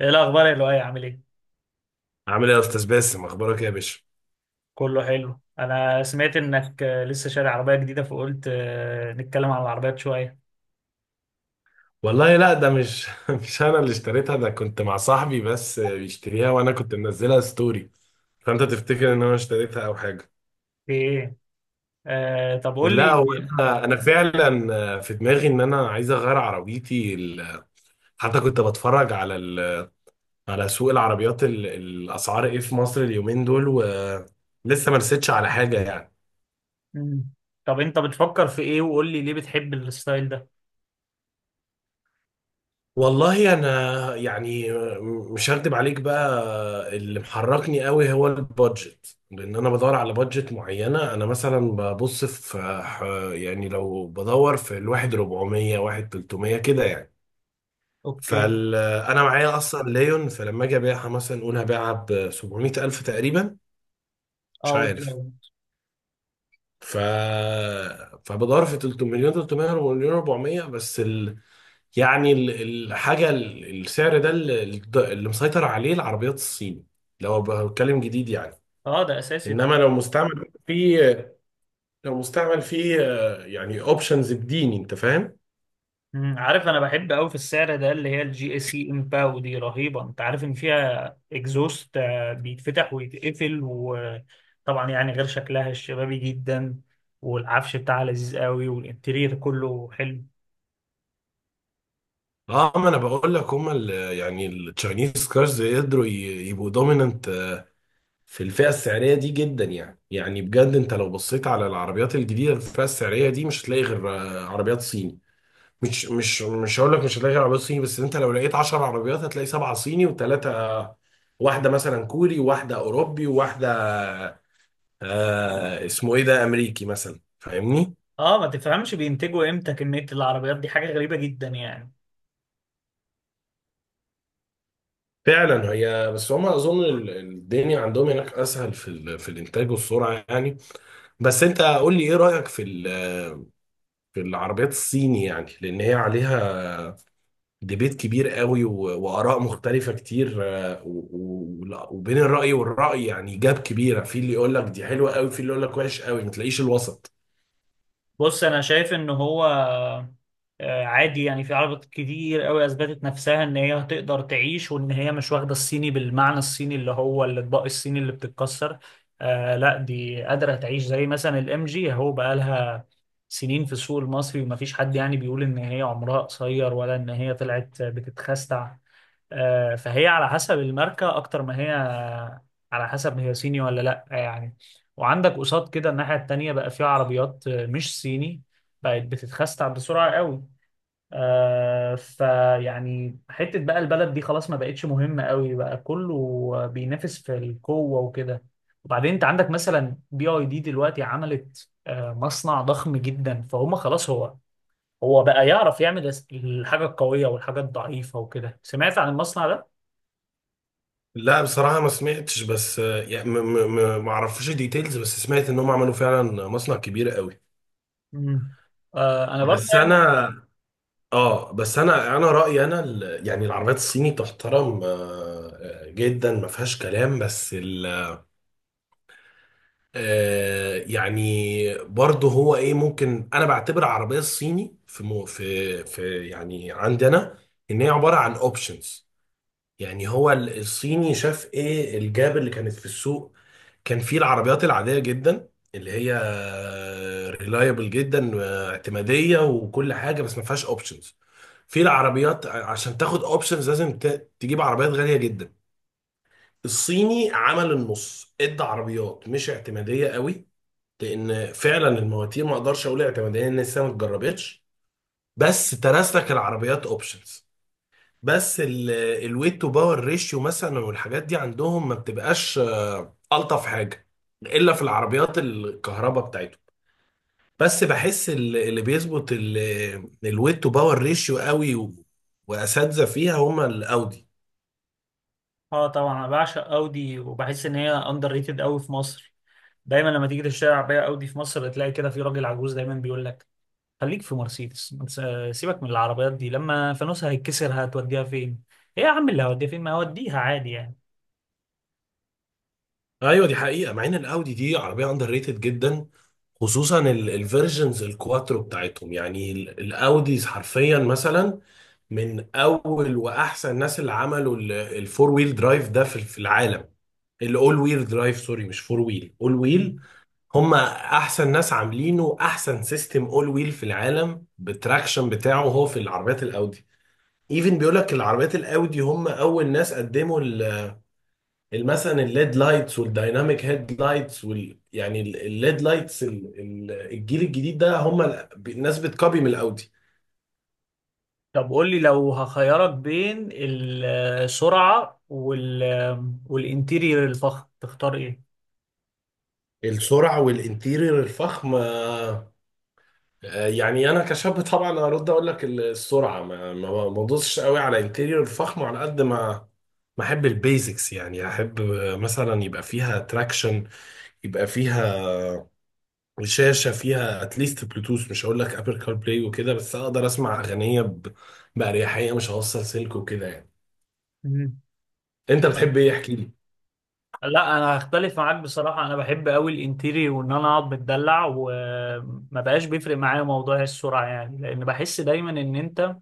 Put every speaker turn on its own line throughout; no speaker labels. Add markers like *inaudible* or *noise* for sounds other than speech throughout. ايه الاخبار يا لؤي؟ عامل ايه؟
عامل ايه يا استاذ باسم، اخبارك ايه يا باشا؟
كله حلو. انا سمعت انك لسه شاري عربيه جديده، فقلت نتكلم عن العربيات شويه.
والله لا، ده مش *laughs* مش انا اللي اشتريتها. ده كنت مع صاحبي بس بيشتريها وانا كنت منزلها ستوري. فانت تفتكر ان انا اشتريتها او حاجه؟
في ايه؟ آه طب قول لي.
لا هو انا فعلا في دماغي ان انا عايز اغير حتى كنت بتفرج على على سوق العربيات الاسعار ايه في مصر اليومين دول، ولسه ما رستش على حاجه يعني.
مم. طب انت بتفكر في ايه؟ وقول لي ليه بتحب الستايل ده.
والله انا يعني مش هكدب عليك بقى، اللي محركني قوي هو البادجت، لان انا بدور على بادجت معينه. انا مثلا ببص في يعني لو بدور في الواحد 400، واحد 300 كده يعني.
اوكي.
فال انا معايا اصلا ليون، فلما اجي ابيعها مثلا نقول هبيعها ب 700 الف تقريبا، مش
اه
عارف.
بالظبط.
ف فبدور في 300 مليون، 300 مليون 400 بس. يعني الحاجة السعر ده اللي مسيطر عليه العربيات الصيني، لو بتكلم جديد يعني.
اه ده اساسي.
انما لو مستعمل في، لو مستعمل في، يعني اوبشنز بديني، انت فاهم.
مم، عارف انا بحب قوي في السعر ده، اللي هي الجي اي سي امباو، دي رهيبه. انت عارف ان فيها اكزوست بيتفتح ويتقفل، وطبعا يعني غير شكلها الشبابي جدا، والعفش بتاعها لذيذ قوي، والانتيرير كله حلو.
اه، ما انا بقول لك هما يعني التشاينيز كارز قدروا يبقوا دوميننت في الفئة السعرية دي جدا يعني. يعني بجد انت لو بصيت على العربيات الجديدة في الفئة السعرية دي مش هتلاقي غير عربيات صيني. مش هقول لك مش هتلاقي غير عربيات صيني، بس انت لو لقيت 10 عربيات هتلاقي سبعة صيني وثلاثة، واحدة مثلا كوري وواحدة أوروبي وواحدة، اسمه إيه ده، أمريكي مثلا، فاهمني؟
اه ما تفهمش بينتجوا امتى كميه العربيات دي، حاجه غريبه جدا يعني.
فعلا هي، بس هما أظن الدنيا عندهم هناك أسهل في في الإنتاج والسرعة يعني. بس أنت قول لي إيه رأيك في في العربيات الصيني يعني، لأن هي عليها ديبيت كبير قوي، وآراء مختلفة كتير، وبين الرأي والرأي يعني جاب كبيرة، في اللي يقول لك دي حلوة قوي، في اللي يقول لك وحش قوي، ما تلاقيش الوسط.
بص انا شايف ان هو عادي يعني، في عربيات كتير قوي اثبتت نفسها ان هي هتقدر تعيش، وان هي مش واخده الصيني بالمعنى الصيني اللي هو الاطباق الصيني اللي بتتكسر. آه لا، دي قادره تعيش، زي مثلا الام جي اهو، بقى لها سنين في السوق المصري، ومفيش حد يعني بيقول ان هي عمرها قصير ولا ان هي طلعت بتتخستع. فهي على حسب الماركة أكتر ما هي على حسب هي صيني ولا لأ يعني. وعندك قصاد كده الناحية التانية، بقى فيها عربيات مش صيني بقت بتتخستع بسرعة قوي. آه فيعني حتة بقى البلد دي خلاص ما بقتش مهمة قوي، بقى كله بينافس في القوة وكده. وبعدين انت عندك مثلا بي اي دي دلوقتي عملت مصنع ضخم جدا، فهم خلاص هو هو بقى يعرف يعمل الحاجة القوية والحاجة الضعيفة وكده. سمعت عن المصنع ده؟
لا بصراحة ما سمعتش، بس يعني ما اعرفش ديتيلز، بس سمعت ان هم عملوا فعلا مصنع كبير قوي.
مم. آه انا برضه
بس
يعني.
انا، اه بس انا رأيي انا يعني العربيات الصيني تحترم جدا، ما فيهاش كلام. بس يعني برضه هو ايه، ممكن انا بعتبر العربيه الصيني في مو في في يعني عندنا ان هي عباره عن اوبشنز. يعني هو الصيني شاف ايه الجاب اللي كانت في السوق. كان فيه العربيات العاديه جدا اللي هي ريلايبل جدا واعتماديه وكل حاجه، بس ما فيهاش اوبشنز. في العربيات عشان تاخد اوبشنز لازم تجيب عربيات غاليه جدا. الصيني عمل النص، ادى عربيات مش اعتماديه قوي، لان فعلا المواتير ما اقدرش اقول اعتماديه ان لسه ما اتجربتش، بس ترس لك العربيات اوبشنز. بس الويت تو باور ريشيو مثلا والحاجات دي عندهم ما بتبقاش الطف حاجه، الا في العربيات الكهرباء بتاعتهم. بس بحس اللي بيظبط الويت تو باور ريشيو قوي واساتذه فيها هما الاودي.
اه طبعا انا بعشق اودي، وبحس ان هي اندر ريتد قوي في مصر. دايما لما تيجي تشتري عربيه اودي في مصر، تلاقي كده في راجل عجوز دايما بيقول لك: خليك في مرسيدس، ما تس- آه، سيبك من العربيات دي، لما فانوسها هيتكسر هتوديها فين؟ ايه يا عم اللي هوديها فين؟ ما هوديها عادي يعني.
ايوه دي حقيقه، مع ان الاودي دي عربيه اندر ريتد جدا، خصوصا الفيرجنز الكواترو بتاعتهم. يعني الاوديز حرفيا مثلا من اول واحسن الناس اللي عملوا الفور ويل درايف ده في العالم. الاول ويل درايف، سوري مش فور ويل، اول
مم.
ويل. هم احسن ناس عاملينه، احسن سيستم اول ويل في العالم بالتراكشن بتاعه هو في العربيات الاودي. ايفن بيقول لك العربيات الاودي هم اول ناس قدموا مثلا الليد لايتس والدايناميك هيد لايتس، الليد لايتس الجيل الجديد ده، هم الناس بتكوبي من الاودي.
طب قول لي، لو هخيرك بين السرعه والانتيرير الفخم، تختار ايه؟
السرعه والانتيرير الفخم، يعني انا كشاب طبعا هرد اقول لك السرعه، ما بدوسش قوي على انتيرير الفخم، على قد ما ما احب البيزكس يعني، احب مثلا يبقى فيها تراكشن، يبقى فيها وشاشه فيها اتليست بلوتوث، مش هقول لك ابل كار بلاي وكده، بس اقدر اسمع اغنيه باريحيه، مش هوصل سلك وكده يعني.
مم.
انت بتحب ايه؟ احكي لي.
لا انا هختلف معاك بصراحه. انا بحب قوي الانتيري، وان انا اقعد متدلع، وما بقاش بيفرق معايا موضوع السرعه يعني، لان بحس دايما ان انت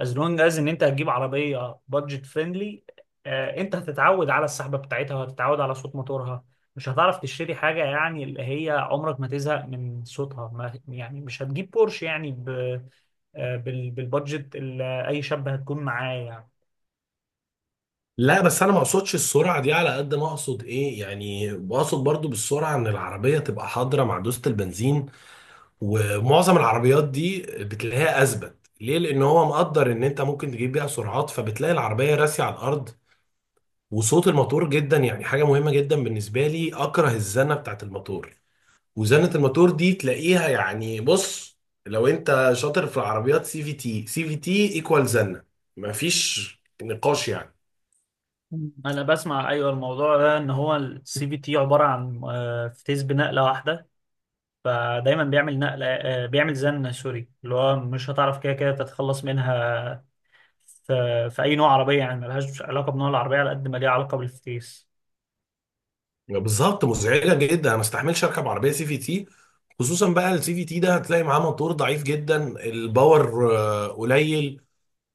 از لونج از ان انت هتجيب عربيه بادجت فريندلي، انت هتتعود على السحبه بتاعتها، وهتتعود على صوت موتورها. مش هتعرف تشتري حاجه يعني اللي هي عمرك ما تزهق من صوتها، ما يعني مش هتجيب بورش يعني بالبادجت اللي اي شاب هتكون معاه يعني.
لا بس انا ما اقصدش السرعه دي على قد ما اقصد ايه، يعني بقصد برضو بالسرعه ان العربيه تبقى حاضره مع دوسه البنزين. ومعظم العربيات دي بتلاقيها اثبت ليه، لان هو مقدر ان انت ممكن تجيب بيها سرعات، فبتلاقي العربيه راسية على الارض. وصوت الموتور جدا يعني حاجه مهمه جدا بالنسبه لي، اكره الزنه بتاعت الموتور. وزنة الموتور دي تلاقيها يعني، بص، لو انت شاطر في العربيات، سي في تي، سي في تي ايكوال زنة، مفيش نقاش يعني.
انا بسمع ايوه الموضوع ده، ان هو السي في تي عباره عن فتيس بنقله واحده، فدايما بيعمل نقله بيعمل زن، سوري، اللي هو مش هتعرف كده كده تتخلص منها في, في اي نوع عربيه يعني، ملهاش علاقه بنوع العربيه على قد ما ليها علاقه بالفتيس.
بالظبط مزعجة جدا، انا ما استحملش اركب عربية سي في تي. خصوصا بقى السي في تي ده هتلاقي معاه موتور ضعيف جدا، الباور قليل،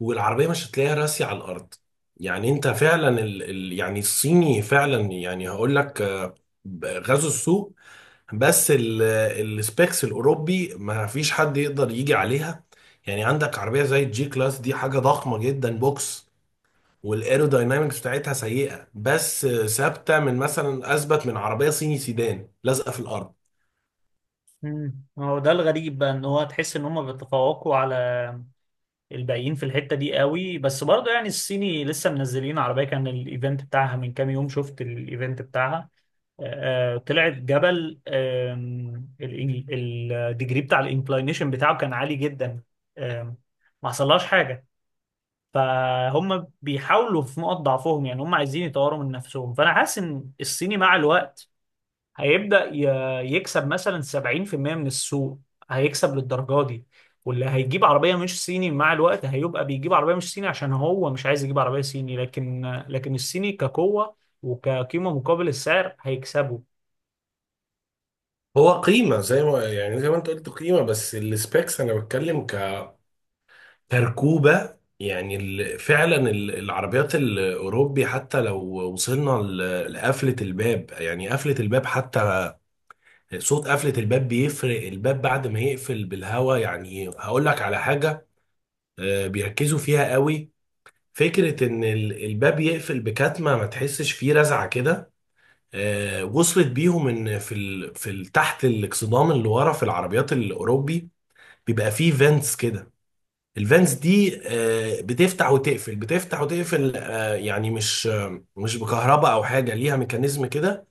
والعربية مش هتلاقيها راسية على الارض. يعني انت فعلا يعني الصيني فعلا يعني هقول لك غزو السوق. بس السبيكس الاوروبي ما فيش حد يقدر يجي عليها. يعني عندك عربيه زي الجي كلاس، دي حاجه ضخمه جدا، بوكس، والايروداينامكس بتاعتها سيئه، بس ثابته من مثلا، اثبت من عربيه صيني سيدان لازقه في الارض.
امم، هو ده الغريب بقى، ان هو تحس ان هم بيتفوقوا على الباقيين في الحته دي قوي. بس برضه يعني الصيني لسه منزلين عربيه، كان الايفنت بتاعها من كام يوم، شفت الايفنت بتاعها؟ طلعت جبل، الديجري بتاع الانكلاينيشن بتاعه كان عالي جدا. آم، ما حصلهاش حاجه. فهم بيحاولوا في نقط ضعفهم يعني، هم عايزين يطوروا من نفسهم. فانا حاسس ان الصيني مع الوقت هيبدا يكسب مثلا 70% من السوق، هيكسب للدرجه دي. واللي هيجيب عربيه مش صيني مع الوقت، هيبقى بيجيب عربيه مش صيني عشان هو مش عايز يجيب عربيه صيني. لكن الصيني كقوه وكقيمه مقابل السعر هيكسبوا.
هو قيمه زي ما، يعني زي ما انت قلت قيمه، بس السبيكس انا بتكلم كتركوبه. يعني فعلا العربيات الاوروبي، حتى لو وصلنا لقفله الباب، يعني قفله الباب حتى، صوت قفلة الباب بيفرق، الباب بعد ما يقفل بالهوا يعني، هقول لك على حاجة، بيركزوا فيها قوي، فكرة ان الباب يقفل بكتمة ما تحسش فيه رزعة كده. وصلت بيهم ان في تحت الاكسدام اللي ورا في العربيات الاوروبي بيبقى فيه فانتس كده. الفانتس دي بتفتح وتقفل، بتفتح وتقفل، يعني مش مش بكهرباء او حاجة، ليها ميكانيزم كده،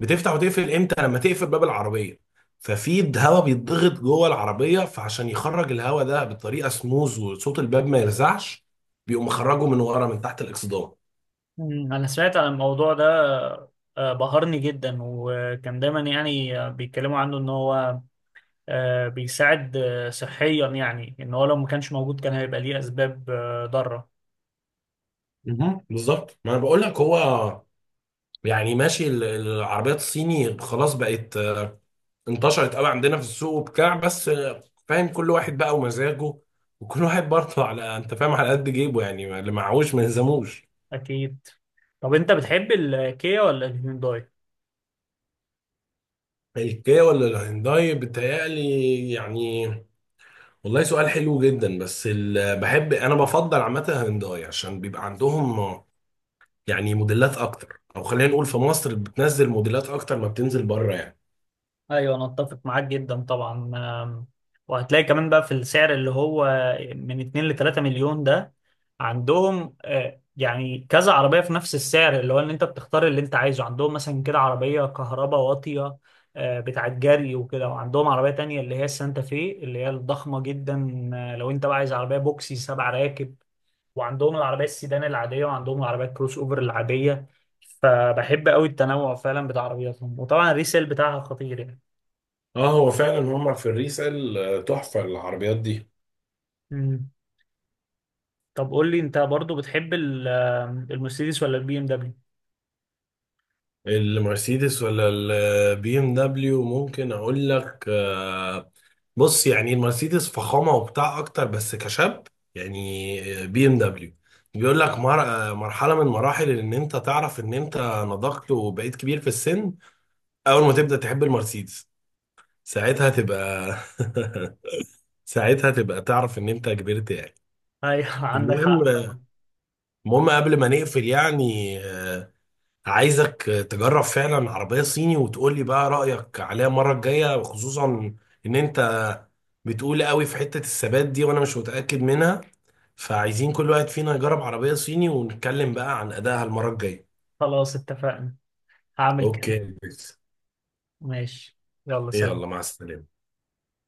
بتفتح وتقفل امتى؟ لما تقفل باب العربيه ففي هواء بيتضغط جوه العربيه، فعشان يخرج الهواء ده بطريقه سموز وصوت الباب ما يرزعش، بيقوم مخرجه من ورا من تحت الاكسدام.
مم، أنا سمعت عن الموضوع ده. بهرني جدا، وكان دايما يعني بيتكلموا عنه إن هو بيساعد صحيا يعني، إن هو لو ما كانش موجود كان هيبقى ليه أسباب ضارة.
مهم. بالظبط، ما انا بقول لك، هو يعني ماشي العربيات الصيني خلاص بقت انتشرت قوي عندنا في السوق وبتاع. بس فاهم، كل واحد بقى ومزاجه، وكل واحد برضه على، انت فاهم، على قد جيبه يعني، اللي معهوش ما يلزموش.
أكيد. طب أنت بتحب الكيا ولا الهيونداي؟
الكيا ولا الهيونداي؟ بتهيألي يعني، والله سؤال حلو جدا. بس بحب انا، بفضل عامه هنداي عشان بيبقى عندهم يعني موديلات اكتر، او خلينا نقول في مصر بتنزل موديلات اكتر ما بتنزل بره يعني.
ايوه انا اتفق معاك جدا طبعا. آم، وهتلاقي كمان بقى في السعر اللي هو من 2 ل 3 مليون ده، عندهم يعني كذا عربيه في نفس السعر، اللي هو ان انت بتختار اللي انت عايزه. عندهم مثلا كده عربيه كهرباء واطيه بتاعت جري وكده، وعندهم عربيه تانية اللي هي السانتا في اللي هي الضخمه جدا، لو انت بقى عايز عربيه بوكسي سبع راكب. وعندهم العربيه السيدان العاديه، وعندهم العربيه الكروس اوفر العاديه. فبحب قوي التنوع فعلا بتاع عربياتهم، وطبعا الريسيل بتاعها خطير يعني.
اه هو فعلا هم في الريسال تحفه العربيات دي.
مم. طب قول لي، انت برضو بتحب المرسيدس ولا البي ام دبليو؟
المرسيدس ولا البي ام دبليو؟ ممكن اقول لك بص، يعني المرسيدس فخامه وبتاع اكتر، بس كشاب يعني بي ام دبليو. بيقول لك مرحله من مراحل ان انت تعرف ان انت نضجت وبقيت كبير في السن. اول ما تبدا تحب المرسيدس، ساعتها تبقى *laughs* ساعتها تبقى تعرف ان انت كبرت يعني.
ايوه *laughs* عندك
المهم،
حق طبعا.
المهم قبل ما نقفل يعني، عايزك تجرب فعلا عربية صيني وتقول لي بقى رأيك عليها المرة الجاية، خصوصا ان انت بتقول قوي في حتة الثبات دي وانا مش متأكد منها. فعايزين كل واحد فينا يجرب عربية صيني ونتكلم بقى عن أدائها المرة الجاية.
خلاص اتفقنا، هعمل كده.
اوكي،
ماشي. يلا
يلا
سلام.
مع السلامة.